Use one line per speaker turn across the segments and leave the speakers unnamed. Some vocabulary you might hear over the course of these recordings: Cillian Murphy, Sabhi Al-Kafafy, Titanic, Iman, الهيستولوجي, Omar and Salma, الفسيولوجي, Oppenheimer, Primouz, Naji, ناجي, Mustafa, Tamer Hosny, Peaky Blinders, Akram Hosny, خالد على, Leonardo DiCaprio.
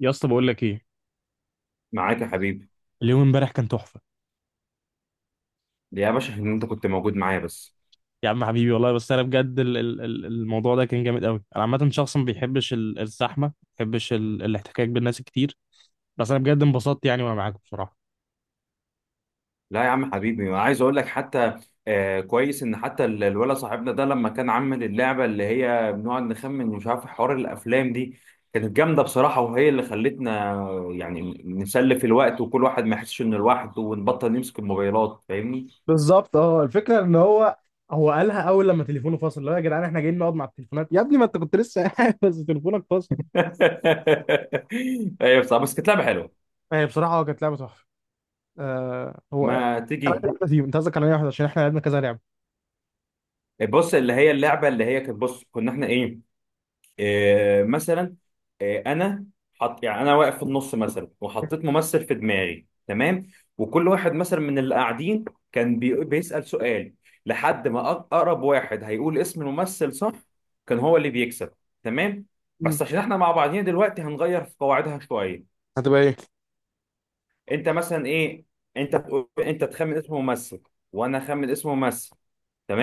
يا اسطى، بقول لك ايه؟
معاك يا حبيبي.
اليوم امبارح كان تحفه.
يا باشا ان انت كنت موجود معايا بس.
يا عم حبيبي والله، بس انا بجد الموضوع ده كان جامد قوي. انا عامه شخص ما بيحبش الزحمه، ما بيحبش الاحتكاك بالناس كتير. بس انا بجد انبسطت يعني، وانا معاك بصراحه.
لا يا عم حبيبي، أنا عايز اقول لك حتى. كويس ان حتى الولد صاحبنا ده لما كان عامل اللعبه اللي هي بنقعد نخمن، مش عارف، حوار الافلام دي كانت جامده بصراحه، وهي اللي خلتنا يعني نسلف الوقت وكل واحد ما يحسش انه لوحده ونبطل نمسك الموبايلات، فاهمني؟
بالظبط. اه الفكره ان هو قالها اول لما تليفونه فصل، اللي هو يا جدعان احنا جايين نقعد مع التليفونات؟ يا ابني ما انت كنت لسه قاعد بس تليفونك فصل.
ايوه، بصراحه بس كانت لعبه حلوه.
هي بصراحه هو كانت لعبه تحفه. هو انا
ما
عايز
تيجي.
واحده فيهم، انت قصدك على أي واحده؟ عشان احنا لعبنا كذا لعبه.
بص، اللي هي اللعبه اللي هي كانت، بص كنا احنا ايه. مثلا. انا. حط يعني انا واقف في النص مثلا وحطيت ممثل في دماغي، تمام. وكل واحد مثلا من اللي قاعدين كان بيسأل سؤال. لحد ما اقرب واحد هيقول اسم الممثل صح كان هو اللي بيكسب. تمام. بس
مم.
عشان احنا مع بعضينا دلوقتي هنغير في قواعدها شوية.
هتبقى ايه؟
انت مثلا ايه. انت تقول انت تخمن اسم ممثل، وانا اخمن اسم ممثل،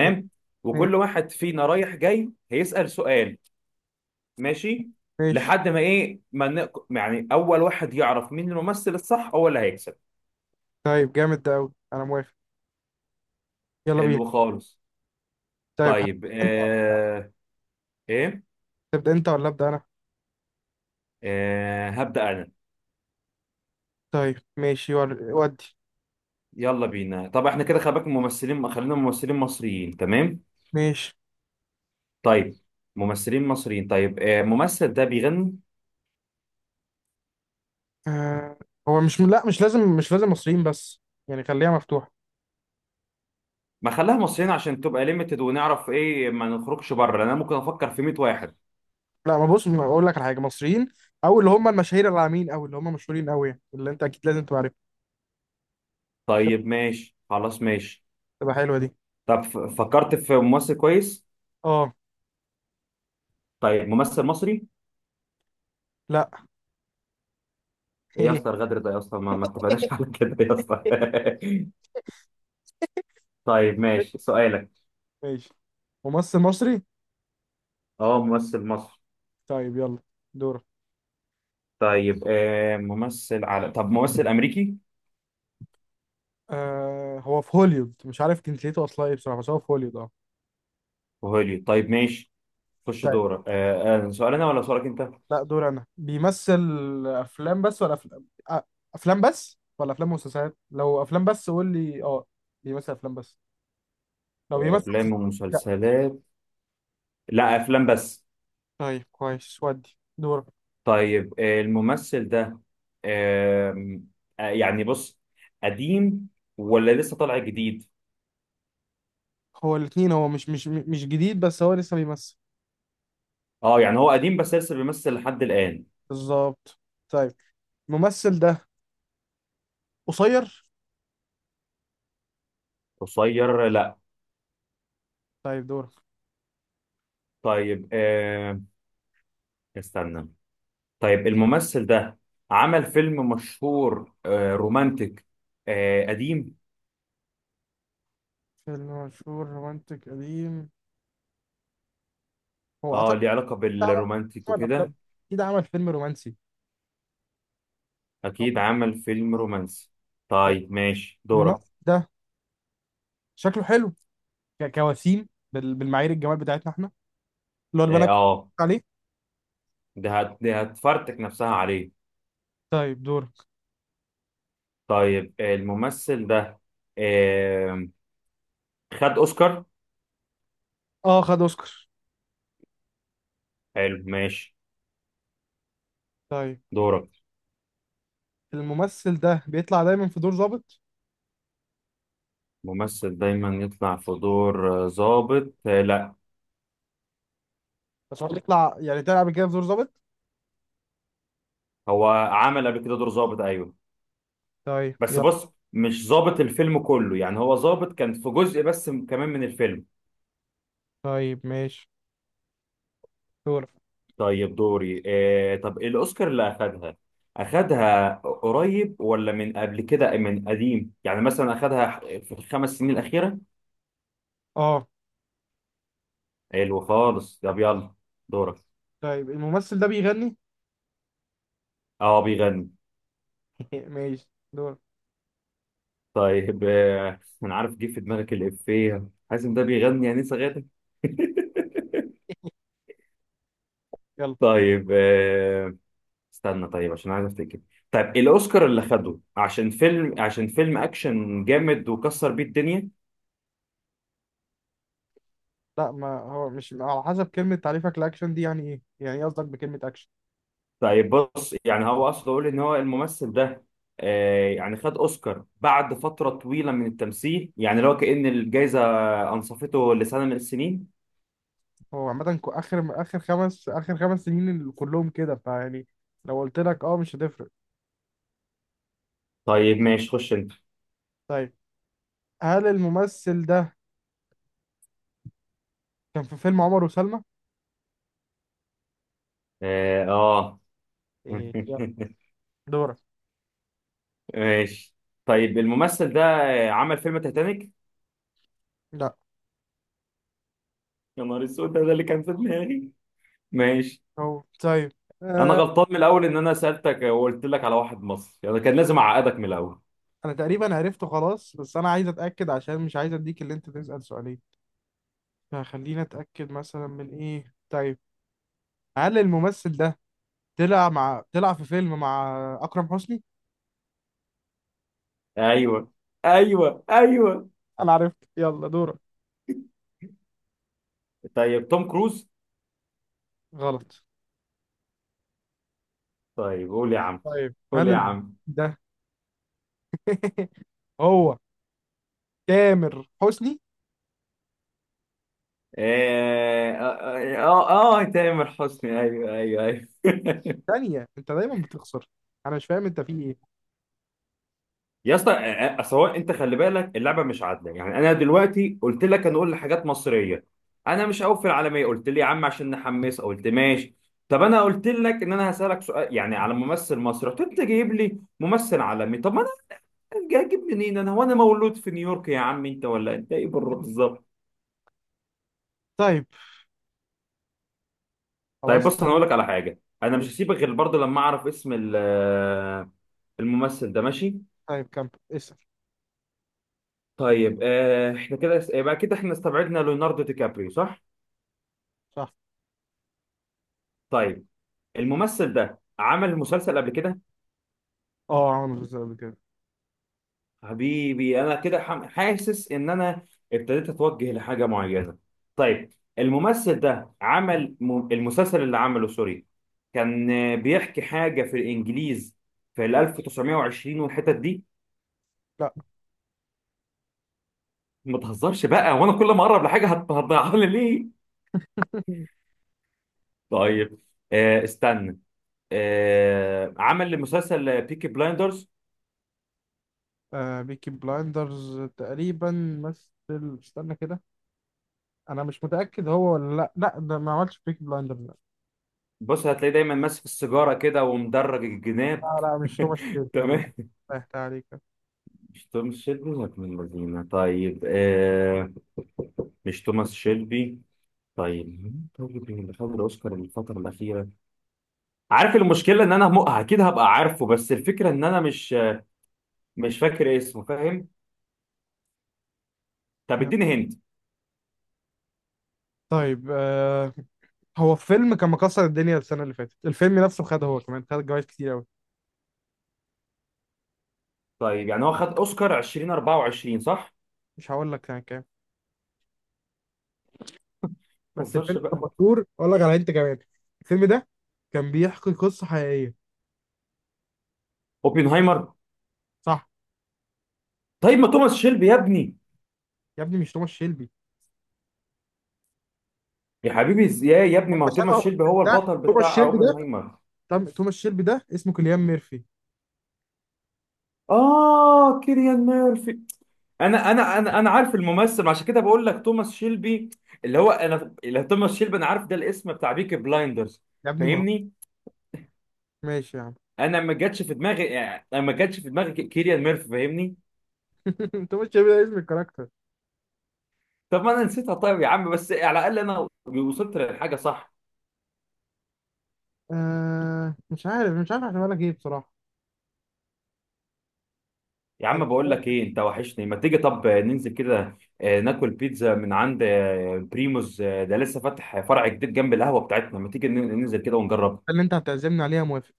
ماشي. ماشي.
وكل واحد فينا رايح جاي هيسأل سؤال. ماشي.
ماشي.
لحد ما ايه ما ن- يعني اول واحد يعرف مين الممثل الصح هو اللي هيكسب.
طيب جامد ده قوي، انا موافق. يلا بينا.
حلو خالص.
طيب
طيب
انت،
ايه.
تبدأ انت ولا أبدأ انا؟
هبدأ انا.
طيب ماشي ودي.
يلا بينا. طب احنا كده خلي بالك ممثلين، خلينا ممثلين مصريين، تمام.
ماشي.
طيب. ممثلين مصريين، طيب الممثل ده بيغني.
آه هو مش، لا، مش لازم مصريين بس، يعني خليها مفتوحة.
ما خلاها مصريين عشان تبقى ليميتد ونعرف ايه، ما نخرجش بره، لان انا ممكن افكر في 100 واحد.
لا، ما بص، ما اقول لك على حاجة، مصريين او اللي هم المشاهير العامين او اللي هم مشهورين قوي، يعني اللي انت اكيد لازم تبقى عارفها،
طيب ماشي خلاص ماشي.
تبقى حلوة دي.
طب فكرت في ممثل كويس.
اه.
طيب ممثل مصري.
لا.
ايه يا اسطى، الغدر ده يا اسطى، ما اتفقناش على كده يا اسطى طيب ماشي سؤالك.
ماشي. ممثل مصري.
اه ممثل مصري.
طيب يلا، دورك.
طيب ممثل على طب ممثل امريكي.
هو في هوليوود، مش عارف جنسيته اصلا ايه بصراحة، بس هو في هوليوود.
وهوليود طيب ماشي. خش
اه.
دورك. سؤال انا ولا سؤالك انت؟
لا، دور انا. بيمثل افلام بس ولا افلام افلام بس ولا افلام ومسلسلات؟ لو افلام بس قول لي اه. بيمثل افلام بس؟ لو بيمثل
افلام
مسلسلات؟ لا.
ومسلسلات. لا افلام بس.
طيب كويس، ودي دورك.
طيب الممثل ده آم، يعني بص، قديم ولا لسه طالع جديد؟
هو الاثنين، هو مش جديد، بس هو لسه بيمثل.
اه يعني هو قديم بس لسه بيمثل لحد الان.
بالظبط. طيب الممثل ده قصير؟
قصير لا.
طيب دورك.
طيب استنى. طيب الممثل ده عمل فيلم مشهور رومانتك، قديم.
فيلم مشهور رومانتك قديم؟ هو
اه
اعتقد
ليه علاقة
عمل
بالرومانتك
عمل افلام،
وكده.
اكيد عمل فيلم رومانسي.
اكيد عمل فيلم رومانسي.
طيب
طيب ماشي
الممثل
دورك.
ده شكله حلو، كوسيم بالمعايير الجمال بتاعتنا احنا، اللي هو
اه
البنات عليه.
ده هتفرتك نفسها عليه.
طيب دورك.
طيب الممثل ده آه، خد اوسكار.
اه خد اوسكار.
حلو ماشي.
طيب
دورك.
الممثل ده بيطلع دايما في دور ظابط؟
ممثل دايما يطلع في دور ظابط لا.
بس هو بيطلع، يعني طلع قبل كده في دور ظابط.
هو عمل قبل كده دور ظابط ايوه.
طيب
بس
يلا.
بص مش ظابط الفيلم كله يعني هو ظابط كان في جزء بس كمان من الفيلم.
طيب ماشي دورك.
طيب دوري طب الأوسكار اللي أخدها. أخدها قريب ولا من قبل كده من قديم؟ يعني مثلا أخدها في الخمس سنين الأخيرة.
اه
حلو خالص طب يلا. دورك.
طيب الممثل ده بيغني.
اه بيغني.
ماشي دورك.
طيب أنا عارف جه في دماغك الإفيه، حازم ده بيغني يعني صغير.
يلا.
طيب استنى طيب عشان عايز افتكر. طيب الاوسكار اللي خده عشان فيلم اكشن جامد وكسر بيه الدنيا.
لا، ما هو مش على حسب كلمة تعريفك لأكشن دي، يعني ايه قصدك بكلمة أكشن؟
طيب بص يعني هو اقصد اقول ان هو الممثل ده يعني خد اوسكار بعد فتره طويله من التمثيل، يعني لو كأن الجائزه انصفته لسنه من السنين.
هو عامة آخر خمس سنين كلهم كده فيعني، لو قلت لك اه مش هتفرق.
طيب ماشي خش انت.
طيب هل الممثل ده كان في فيلم عمر وسلمى؟
اه، آه.
ايه، يلا دورك.
ماشي. طيب الممثل ده عمل فيلم تايتانيك.
لا.
يا نهار اسود، ده اللي كان في دماغي. ماشي.
هو طيب
انا
آه.
غلطان من الاول، ان انا سالتك وقلت لك على واحد مصري، انا كان لازم اعقدك من الاول.
انا تقريبا عرفته خلاص، بس انا عايز اتاكد عشان مش عايز اديك اللي انت تسال سؤالين، فخلينا اتاكد مثلا من ايه. طيب هل الممثل ده طلع في فيلم مع اكرم حسني؟
ايوه ايوه ايوه.
انا عرفت، يلا دورك.
طيب توم كروز.
غلط.
طيب قول يا عم.
طيب
قول
هل
يا عم.
ده هو تامر حسني؟
اه اه اه، آه، آه، تامر حسني، ايوه ايوه ايوه
ثانيه، انت دايما بتخسر، انا مش فاهم انت في ايه.
يا اسطى سواء انت خلي بالك اللعبه مش عادله، يعني انا دلوقتي قلت لك هنقول حاجات مصريه. انا مش هقول في العالميه، قلت لي يا عم عشان نحمس قلت ماشي. طب انا قلت لك ان انا هسالك سؤال يعني على ممثل مصري، رحت انت جايب لي ممثل عالمي. طب ما هجيب منين انا؟ هو انا مولود في نيويورك يا عم انت ولا انت ايه بالظبط؟
طيب
طيب
خلاص.
بص انا هقول لك على حاجه، انا مش هسيبك غير برضه لما اعرف اسم الممثل ده، ماشي.
طيب كمل اسال.
طيب احنا كده يبقى كده احنا استبعدنا ليوناردو دي كابريو صح.
صح.
طيب. الممثل ده عمل مسلسل قبل كده.
اه عمل مسلسل قبل كده.
حبيبي انا كده حاسس ان انا ابتديت اتوجه لحاجه معينه. طيب الممثل ده عمل المسلسل اللي عمله سوري كان بيحكي حاجه في الانجليز في ال 1920 والحتت دي.
لا.
ما تهزرش بقى وانا كل ما اقرب لحاجه هتضيعها لي ليه؟ طيب استنى. عمل مسلسل بيكي بلايندرز؟
بيكي بلايندرز تقريبا، مثل استنى كده، انا مش متاكد هو ولا لا، لا ده ما عملش بيكي بلايندرز، لا.
بص هتلاقيه دايما ماسك السيجاره كده ومدرج الجناب.
لا، لا، مش هو، مش كده، يلا.
تمام.
ريحت عليك.
مش توماس شيلبي ولا ابن الذين؟ طيب مش توماس شيلبي. طيب مين؟ طيب اللي خد الاوسكار الفتره الاخيره. عارف المشكله ان انا اكيد هبقى عارفه، بس الفكره ان انا مش فاكر اسمه، فاهم. طب
يلا.
اديني هنت.
طيب هو فيلم كان مكسر الدنيا السنه اللي فاتت، الفيلم نفسه خد، هو كمان خد جوائز كتير قوي.
طيب يعني هو خد اوسكار 2024 صح؟
مش هقول لك كان كام،
ما
بس الفيلم
تهزرش
كان
بقى.
مشهور اقول لك على انت كمان. الفيلم ده كان بيحكي قصه حقيقيه.
اوبنهايمر.
صح.
طيب ما توماس شيلبي يا ابني.
يا ابني مش توماس شيلبي،
يا حبيبي، ازاي يا ابني، ما
هو
هو
شبه.
توماس شيلبي هو
ده
البطل
توماس
بتاع
شيلبي ده.
اوبنهايمر.
طب توماس شيلبي ده اسمه كيليان ميرفي.
اه كيليان ميرفي. انا عارف الممثل، عشان كده بقول لك توماس شيلبي. اللي هو انا اللي توماس شيلبي، انا عارف ده الاسم بتاع بيكي بلايندرز،
يا ابني ما هو.
فاهمني.
ماشي يا عم.
انا ما جاتش في دماغي، يعني أنا ما جاتش في دماغي كيليان ميرفي، فاهمني؟
انت مش شايف اسم الكاركتر.
طب ما انا نسيتها، طيب يا عم بس على الاقل انا وصلت للحاجه صح.
آه، مش عارف احسبها لك ايه بصراحه.
يا
بس
عم بقول
هو
لك
الحتة
ايه، انت وحشني. ما تيجي طب ننزل كده ناكل بيتزا من عند بريموز، ده لسه فاتح فرع جديد جنب القهوه بتاعتنا. ما تيجي ننزل كده ونجرب؟
اللي انت هتعزمني عليها، موافق.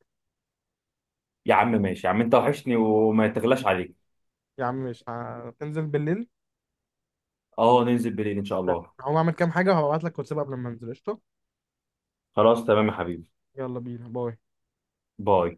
يا عم ماشي يا عم، انت وحشني وما تغلاش عليك.
يا عم مش هتنزل بالليل؟
اه ننزل بالليل ان شاء الله.
هقوم اعمل كام حاجه وهبعت لك واتساب قبل ما انزل، قشطه.
خلاص تمام يا حبيبي.
يلا بينا، باي.
باي.